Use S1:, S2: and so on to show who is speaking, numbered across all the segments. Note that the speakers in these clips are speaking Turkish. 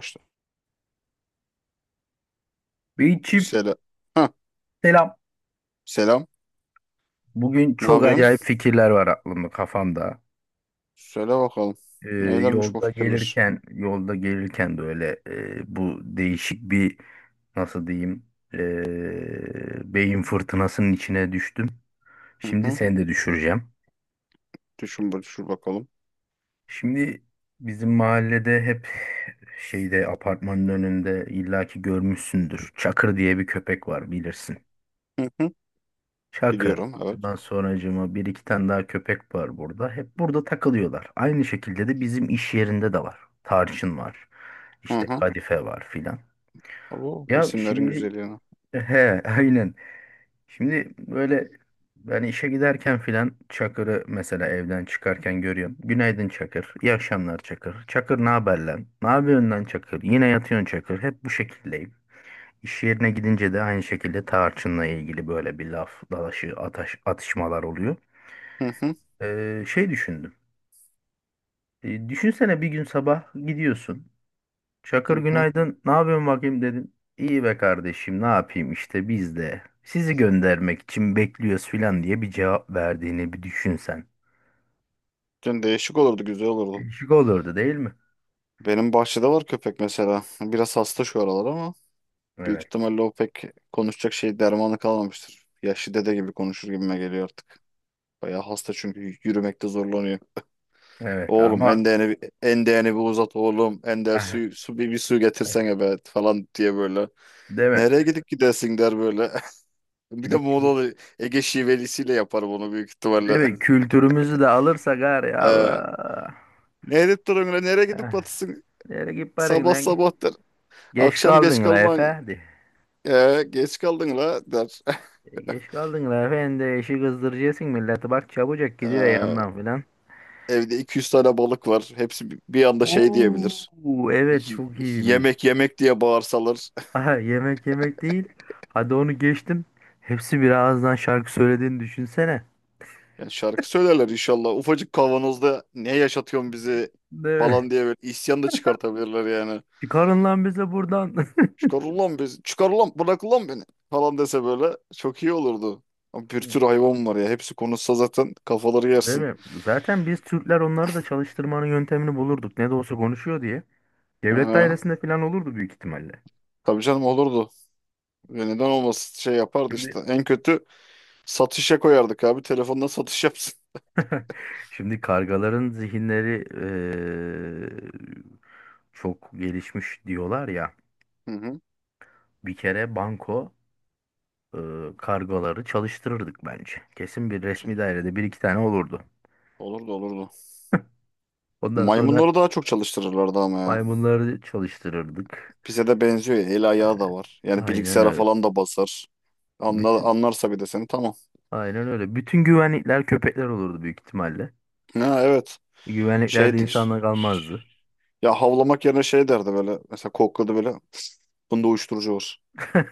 S1: Başla.
S2: Beyçim
S1: Selam. Ha,
S2: selam.
S1: selam.
S2: Bugün
S1: Ne
S2: çok
S1: yapıyorsun?
S2: acayip fikirler var aklımda kafamda.
S1: Söyle bakalım.
S2: Ee,
S1: Neylermiş bu
S2: yolda
S1: fikirler?
S2: gelirken yolda gelirken de öyle bu değişik bir nasıl diyeyim beyin fırtınasının içine düştüm.
S1: Hı
S2: Şimdi
S1: hı.
S2: seni de düşüreceğim.
S1: Düşün, düşün bakalım.
S2: Şimdi bizim mahallede hep şeyde apartmanın önünde illaki görmüşsündür. Çakır diye bir köpek var bilirsin.
S1: Hı hı.
S2: Çakır.
S1: Biliyorum, evet.
S2: Ondan sonracığıma bir iki tane daha köpek var burada. Hep burada takılıyorlar. Aynı şekilde de bizim iş yerinde de var. Tarçın var.
S1: Hı
S2: İşte
S1: hı.
S2: kadife var filan.
S1: Bu
S2: Ya
S1: isimlerin
S2: şimdi
S1: güzelliğine.
S2: he, aynen. Şimdi böyle ben işe giderken filan Çakır'ı mesela evden çıkarken görüyorum. Günaydın Çakır. İyi akşamlar Çakır. Çakır ne haber lan? Ne yapıyorsun lan Çakır? Yine yatıyorsun Çakır. Hep bu şekildeyim. İş yerine gidince de aynı şekilde tarçınla ilgili böyle bir laf dalaşı atışmalar oluyor.
S1: Hı hı.
S2: Şey düşündüm. Düşünsene bir gün sabah gidiyorsun. Çakır
S1: Hı hı.
S2: günaydın. Ne yapıyorsun bakayım dedin. İyi be kardeşim ne yapayım işte biz de sizi göndermek için bekliyoruz filan diye bir cevap verdiğini bir düşünsen.
S1: Yani değişik olurdu, güzel olurdu.
S2: Değişik olurdu değil mi?
S1: Benim bahçede var köpek mesela. Biraz hasta şu aralar ama büyük
S2: Evet.
S1: ihtimalle o pek konuşacak şey dermanı kalmamıştır. Yaşlı dede gibi konuşur gibime geliyor artık. Bayağı hasta çünkü yürümekte zorlanıyor.
S2: Evet
S1: Oğlum
S2: ama
S1: endeğini, bir uzat oğlum. Ender
S2: ah,
S1: su, su bir su getirsene be falan diye böyle.
S2: değil mi?
S1: Nereye gidip gidersin der böyle. Bir de
S2: Şimdi
S1: Muğla'lı Ege şivelisiyle yapar bunu büyük
S2: değil
S1: ihtimalle.
S2: mi? Kültürümüzü de alırsak gari
S1: Ee,
S2: Allah.
S1: Ne edip duruyorsun lan? Nereye gidip
S2: Eh,
S1: batısın?
S2: Nereye git paran
S1: Sabah
S2: lan?
S1: sabah der.
S2: Geç
S1: Akşam geç
S2: kaldın la
S1: kalman.
S2: efendi.
S1: Geç kaldın la der.
S2: Geç kaldın la efendi. İşi kızdıracaksın milleti. Bak çabucak gidiver
S1: Ee,
S2: yanından filan.
S1: Evde 200 tane balık var. Hepsi bir anda şey diyebilir.
S2: Oo evet
S1: Y-
S2: çok iyiymiş.
S1: Yemek yemek diye bağırsalar.
S2: Aha, yemek yemek değil. Hadi onu geçtim. Hepsi bir ağızdan şarkı söylediğini düşünsene.
S1: Yani şarkı söylerler inşallah. Ufacık kavanozda ne yaşatıyorsun bizi
S2: Değil mi?
S1: falan diye böyle isyan da çıkartabilirler yani.
S2: Çıkarın lan bizi buradan.
S1: Çıkar ulan bizi, çıkar ulan bırak ulan beni falan dese böyle çok iyi olurdu. Ama bir tür hayvan var ya hepsi konuşsa zaten kafaları
S2: Değil
S1: yersin.
S2: mi? Zaten biz Türkler onları da çalıştırmanın yöntemini bulurduk. Ne de olsa konuşuyor diye. Devlet
S1: Ha,
S2: dairesinde falan olurdu büyük ihtimalle.
S1: tabii canım olurdu. Ve neden olmasın şey yapardı işte. En kötü satışa koyardık abi telefonla satış yapsın.
S2: Şimdi kargaların zihinleri çok gelişmiş diyorlar ya.
S1: Hı hı.
S2: Bir kere banko e, kargaları çalıştırırdık bence. Kesin bir
S1: Şey,
S2: resmi dairede bir iki tane olurdu.
S1: olurdu olurdu.
S2: Ondan sonra hı.
S1: Maymunları daha çok çalıştırırlardı ama ya.
S2: Maymunları çalıştırırdık.
S1: Bize de benziyor ya. El ayağı da var. Yani
S2: Aynen
S1: bilgisayara
S2: öyle.
S1: falan da basar.
S2: Bütün,
S1: Anlarsa bir de seni tamam.
S2: aynen öyle. Bütün güvenlikler köpekler olurdu büyük ihtimalle.
S1: Ha, evet.
S2: Güvenlikler de insanla
S1: Şeydir.
S2: kalmazdı.
S1: Ya havlamak yerine şey derdi böyle. Mesela kokladı böyle. Bunda uyuşturucu var.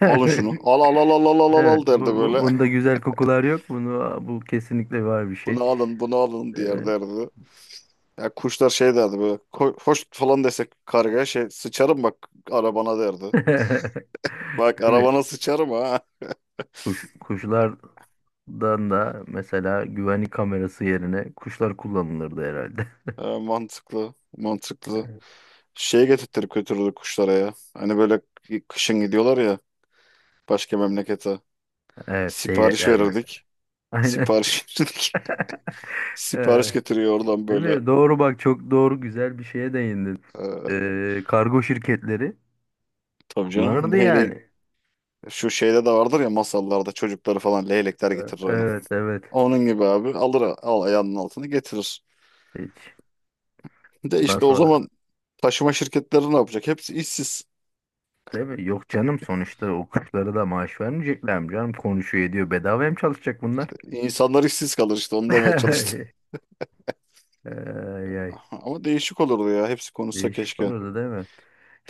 S1: Alın şunu. Al al al al al al al
S2: Evet.
S1: al" derdi böyle.
S2: Bunda güzel kokular yok. Bu kesinlikle var bir şey.
S1: Bunu alın bunu alın diğer
S2: Evet.
S1: derdi. Ya kuşlar şey derdi böyle. Hoş falan desek kargaya şey sıçarım bak arabana derdi. Bak
S2: Tabii
S1: arabana sıçarım ha.
S2: kuşlardan da mesela güvenlik kamerası yerine kuşlar kullanılırdı herhalde.
S1: Mantıklı mantıklı. Şey getirttirip götürürdü kuşlara ya. Hani böyle kışın gidiyorlar ya başka memlekete.
S2: Evet,
S1: Sipariş
S2: değnekler mesela.
S1: verirdik.
S2: Aynen.
S1: Sipariş sipariş
S2: Ee,
S1: getiriyor oradan
S2: değil
S1: böyle.
S2: mi? Doğru bak çok doğru güzel bir şeye değindin.
S1: Ee,
S2: Kargo şirketleri
S1: tabii canım.
S2: kullanırdı yani.
S1: Şu şeyde de vardır ya masallarda çocukları falan leylekler
S2: Evet
S1: getirir hani.
S2: evet, evet.
S1: Onun gibi abi alır al ayağının altını getirir.
S2: Hiç.
S1: De
S2: Bundan
S1: işte o
S2: sonra
S1: zaman taşıma şirketleri ne yapacak? Hepsi işsiz.
S2: değil mi? Yok canım sonuçta o kuşlara da maaş vermeyecekler mi canım? Konuşuyor ediyor. Bedava mı çalışacak bunlar?
S1: İnsanlar işsiz kalır işte onu demeye çalıştım.
S2: Ay, ay.
S1: Ama değişik olurdu ya. Hepsi konuşsa
S2: Değişik
S1: keşke.
S2: olurdu değil mi?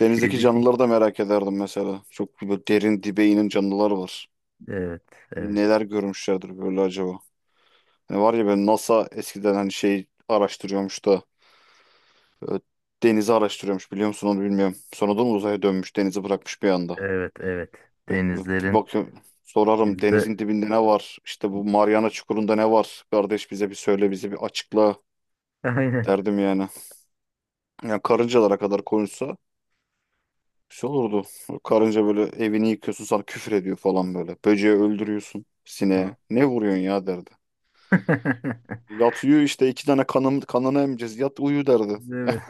S1: Denizdeki canlıları da merak ederdim mesela. Çok böyle derin dibe inen canlılar var.
S2: evet evet,
S1: Neler görmüşlerdir böyle acaba? Ne var ya ben NASA eskiden hani şey araştırıyormuş da e, denizi araştırıyormuş biliyor musun onu bilmiyorum. Sonradan uzaya dönmüş denizi bırakmış bir anda.
S2: evet evet
S1: Bir
S2: denizlerin
S1: bakıyorum sorarım
S2: yüzde
S1: denizin dibinde ne var? İşte bu Mariana Çukuru'nda ne var? Kardeş bize bir söyle bize bir açıkla
S2: aynen
S1: derdim yani. Yani karıncalara kadar konuşsa bir şey olurdu. Karınca böyle evini yıkıyorsun sana küfür ediyor falan böyle. Böceği öldürüyorsun sineğe. Ne vuruyorsun ya derdi. Yat uyu işte iki tane kanını emeceğiz. Yat uyu derdi.
S2: değil mi?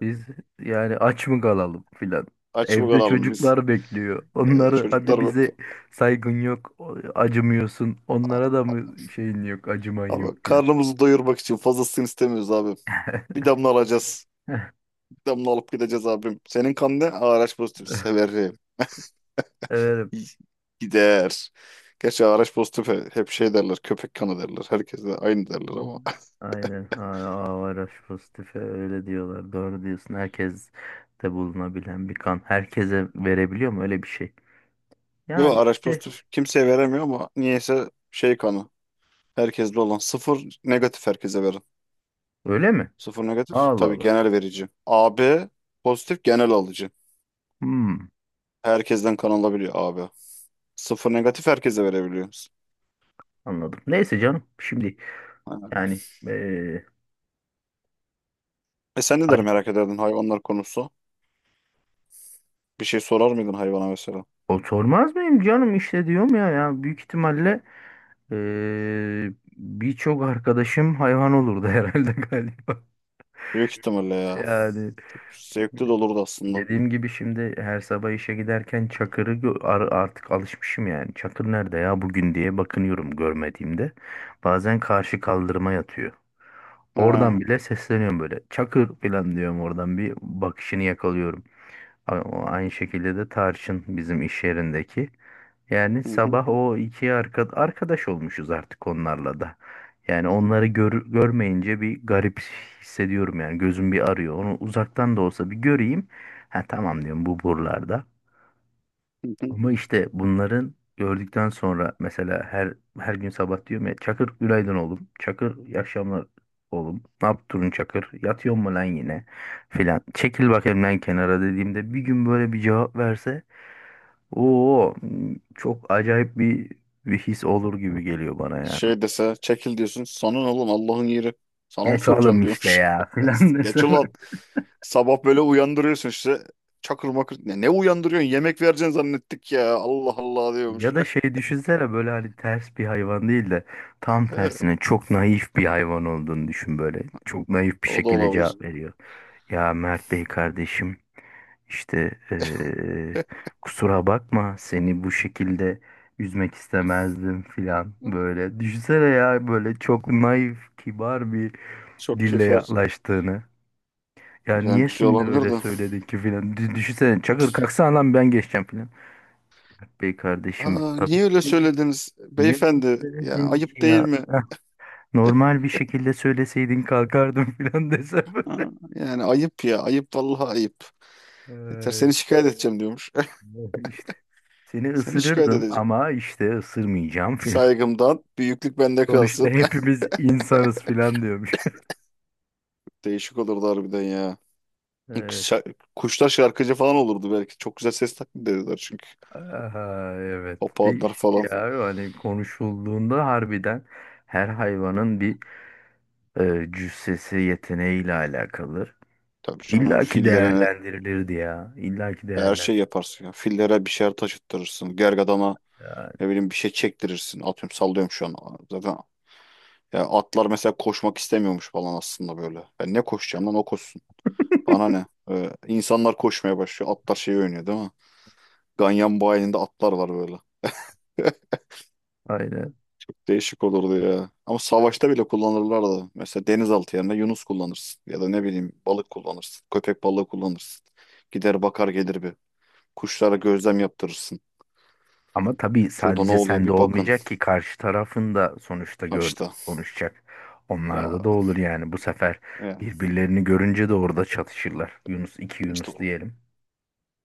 S2: Biz yani aç mı kalalım filan.
S1: Aç
S2: Evde
S1: bakalım biz.
S2: çocuklar bekliyor.
S1: Evde
S2: Onları
S1: çocuklar
S2: hadi
S1: baktı.
S2: bize saygın yok, acımıyorsun. Onlara da mı şeyin yok, acıman
S1: Ama
S2: yok filan.
S1: karnımızı doyurmak için fazlasını istemiyoruz abi. Bir damla alacağız. Bir damla alıp gideceğiz abim. Senin kan ne? Araç pozitif severim.
S2: Evet.
S1: İy- Gider. Gerçi araç pozitif hep şey derler. Köpek kanı derler. Herkese aynı derler
S2: Hı.
S1: ama.
S2: Aynen. A, Avaraş pozitife öyle diyorlar. Doğru diyorsun. Herkes de bulunabilen bir kan. Herkese verebiliyor mu öyle bir şey?
S1: Yok
S2: Yani
S1: ağraç
S2: işte
S1: pozitif kimseye veremiyor ama niyeyse şey kanı. Herkeste olan. Sıfır negatif herkese verin.
S2: öyle mi?
S1: Sıfır negatif
S2: Allah
S1: tabii
S2: Allah.
S1: genel verici. AB pozitif genel alıcı.
S2: Hmm,
S1: Herkesten kan alabiliyor AB. Sıfır negatif herkese verebiliyoruz.
S2: anladım. Neyse canım. Şimdi yani
S1: E sen neleri
S2: hayır,
S1: merak ederdin hayvanlar konusu? Bir şey sorar mıydın hayvana mesela?
S2: o sormaz mıyım canım işte diyorum ya ya büyük ihtimalle birçok arkadaşım hayvan olurdu herhalde galiba.
S1: Büyük ihtimalle ya.
S2: Yani
S1: Zevkli de olurdu aslında.
S2: dediğim gibi şimdi her sabah işe giderken artık alışmışım yani. Çakır nerede ya bugün diye bakınıyorum görmediğimde. Bazen karşı kaldırıma yatıyor.
S1: He. Hı
S2: Oradan bile sesleniyorum böyle. Çakır falan diyorum oradan bir bakışını yakalıyorum. A- o Aynı şekilde de Tarçın bizim iş yerindeki. Yani
S1: hı,
S2: sabah o arkadaş olmuşuz artık onlarla da. Yani onları görmeyince bir garip hissediyorum yani gözüm bir arıyor. Onu uzaktan da olsa bir göreyim. Ha tamam diyorum bu buralarda.
S1: hı hı.
S2: Ama işte bunların gördükten sonra mesela her gün sabah diyorum ya Çakır günaydın oğlum. Çakır iyi akşamlar oğlum. Ne yaptın Çakır? Yatıyor mu lan yine? Filan. Çekil bak elimden kenara dediğimde bir gün böyle bir cevap verse o çok acayip bir his olur gibi geliyor bana yani.
S1: Şey dese çekil diyorsun. Sana ne oğlum Allah'ın yeri. Sana mı
S2: Geç
S1: soracağım
S2: oğlum işte
S1: diyormuş.
S2: ya filan
S1: Geç
S2: desem.
S1: ulan. Sabah böyle uyandırıyorsun işte. Çakır makır. Ne uyandırıyorsun? Yemek vereceğini zannettik ya. Allah Allah diyormuş.
S2: Ya da şey düşünsene böyle hani ters bir hayvan değil de tam tersine çok naif bir hayvan olduğunu düşün böyle. Çok naif bir
S1: O da
S2: şekilde
S1: olabilir.
S2: cevap veriyor. Ya Mert Bey kardeşim işte kusura bakma seni bu şekilde üzmek istemezdim filan böyle. Düşünsene ya böyle çok naif kibar bir
S1: Çok
S2: dille
S1: keyif var.
S2: yaklaştığını. Ya
S1: Yani
S2: niye
S1: güzel
S2: şimdi
S1: olabilir
S2: öyle
S1: de.
S2: söyledin ki filan. Düşünsene çakır kalksana lan ben geçeceğim filan. Bey kardeşim
S1: Aa,
S2: tabii
S1: niye öyle
S2: ki de
S1: söylediniz
S2: niye bunu
S1: beyefendi? Ya
S2: söyledin
S1: ayıp
S2: ki
S1: değil
S2: ya?
S1: mi?
S2: Normal bir şekilde söyleseydin kalkardım filan desem.
S1: Ha, yani ayıp ya. Ayıp vallahi ayıp. Yeter
S2: Ee,
S1: seni şikayet edeceğim diyormuş.
S2: işte seni
S1: Seni şikayet
S2: ısırırdım
S1: edeceğim.
S2: ama işte ısırmayacağım filan.
S1: Saygımdan büyüklük bende
S2: Sonuçta
S1: kalsın.
S2: hepimiz insanız filan diyormuş.
S1: Değişik olurdu harbiden ya.
S2: Evet.
S1: Kuşlar şarkıcı falan olurdu belki. Çok güzel ses taklidi dediler çünkü.
S2: Aha, evet.
S1: Papağanlar
S2: Değişik
S1: falan.
S2: ya. Hani konuşulduğunda harbiden her hayvanın cüssesi yeteneğiyle alakalı.
S1: Tabii canım
S2: İlla ki
S1: fillere
S2: değerlendirilirdi ya. İlla ki
S1: her
S2: değerlendirilirdi.
S1: şey yaparsın ya. Fillere bir şeyler taşıttırırsın. Gergedana ne bileyim bir şey çektirirsin. Atıyorum sallıyorum şu an. Zaten ya atlar mesela koşmak istemiyormuş falan aslında böyle. Ben ne koşacağım lan o koşsun. Bana ne? İnsanlar koşmaya başlıyor. Atlar şey oynuyor değil mi? Ganyan bayilinde atlar var böyle.
S2: Aynen.
S1: Çok değişik olurdu ya. Ama savaşta bile kullanırlardı. Mesela denizaltı yerine yunus kullanırsın. Ya da ne bileyim balık kullanırsın. Köpek balığı kullanırsın. Gider bakar gelir bir. Kuşlara gözlem yaptırırsın.
S2: Ama tabii
S1: Şurada ne
S2: sadece
S1: oluyor
S2: sende
S1: bir bakın.
S2: olmayacak ki karşı tarafın da sonuçta
S1: Ha işte.
S2: konuşacak. Onlarda da
S1: Ya,
S2: olur yani bu sefer
S1: ya
S2: birbirlerini görünce de orada çatışırlar. Yunus iki
S1: işte
S2: Yunus
S1: o.
S2: diyelim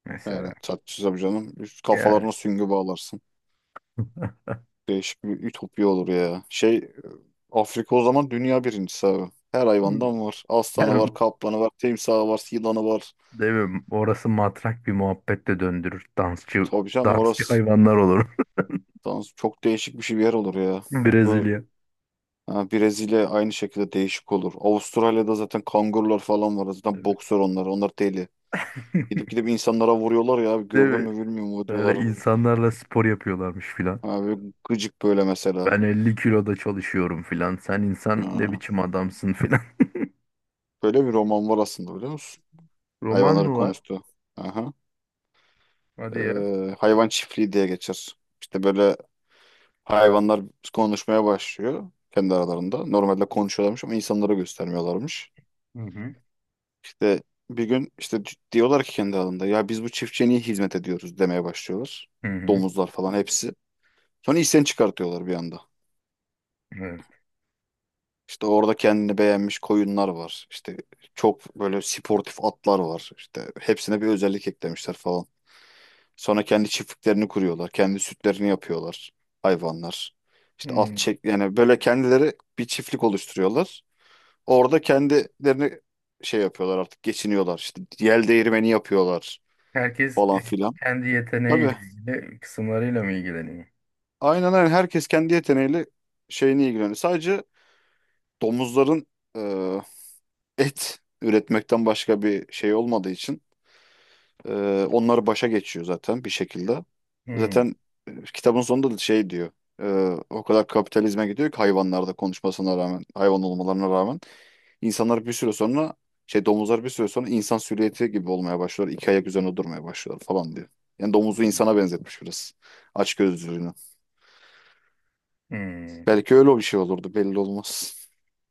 S2: mesela.
S1: Yani tatlısı canım. Üst
S2: Yani
S1: kafalarına süngü bağlarsın. Değişik bir ütopya olur ya. Şey Afrika o zaman dünya birincisi abi. Her hayvandan var. Aslanı var,
S2: tamam.
S1: kaplanı var, timsahı var, yılanı var.
S2: Değil mi? Orası matrak bir muhabbetle döndürür. Dansçı
S1: Tabii canım
S2: dansçı
S1: orası.
S2: hayvanlar olur.
S1: Tamam, çok değişik bir yer olur ya. Bu
S2: Brezilya.
S1: ha, Brezilya aynı şekilde değişik olur. Avustralya'da zaten kangurular falan var. Zaten
S2: Evet.
S1: boksör onlar. Onlar deli. Gidip gidip insanlara vuruyorlar ya, abi.
S2: Değil
S1: Gördün
S2: mi?
S1: mü bilmiyorum o
S2: Öyle
S1: diyorlar.
S2: insanlarla spor yapıyorlarmış filan.
S1: Ha, böyle gıcık böyle mesela.
S2: Ben 50 kiloda çalışıyorum filan. Sen insan ne
S1: Ha.
S2: biçim adamsın filan.
S1: Böyle bir roman var aslında biliyor musun?
S2: Roman
S1: Hayvanların
S2: mı var?
S1: konuştuğu. Aha.
S2: Hadi ya.
S1: Hayvan Çiftliği diye geçer. İşte böyle hayvanlar konuşmaya başlıyor kendi aralarında. Normalde konuşuyorlarmış ama insanlara göstermiyorlarmış.
S2: Hı hı.
S1: İşte bir gün işte diyorlar ki kendi aralarında ya biz bu çiftçiye niye hizmet ediyoruz demeye başlıyorlar.
S2: Hı hı.
S1: Domuzlar falan hepsi. Sonra isyan çıkartıyorlar bir anda.
S2: Evet.
S1: İşte orada kendini beğenmiş koyunlar var. İşte çok böyle sportif atlar var. İşte hepsine bir özellik eklemişler falan. Sonra kendi çiftliklerini kuruyorlar. Kendi sütlerini yapıyorlar hayvanlar. İşte at
S2: Hmm.
S1: çek yani böyle kendileri bir çiftlik oluşturuyorlar. Orada kendilerini şey yapıyorlar artık geçiniyorlar işte yel değirmeni yapıyorlar
S2: Herkes
S1: falan filan.
S2: kendi yeteneğiyle
S1: Tabii
S2: ilgili kısımlarıyla mı ilgileniyor?
S1: aynen aynen herkes kendi yeteneğiyle şeyini ilgileniyor. Sadece domuzların e, et üretmekten başka bir şey olmadığı için e, onları başa geçiyor zaten bir şekilde.
S2: Hmm.
S1: Zaten kitabın sonunda da şey diyor o kadar kapitalizme gidiyor ki hayvanlarda konuşmasına rağmen hayvan olmalarına rağmen İnsanlar bir süre sonra şey domuzlar bir süre sonra insan silüeti gibi olmaya başlıyor, İki ayak üzerine durmaya başlıyorlar falan diyor. Yani domuzu insana benzetmiş biraz. Aç gözlülüğünü.
S2: Hmm.
S1: Belki öyle bir şey olurdu belli olmaz.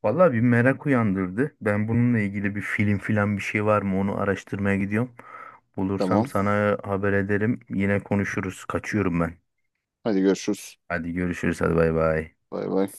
S2: Vallahi bir merak uyandırdı. Ben bununla ilgili bir film filan bir şey var mı onu araştırmaya gidiyorum. Bulursam
S1: Tamam.
S2: sana haber ederim. Yine konuşuruz. Kaçıyorum ben.
S1: Hadi görüşürüz.
S2: Hadi görüşürüz. Hadi bay bay.
S1: Bay bay.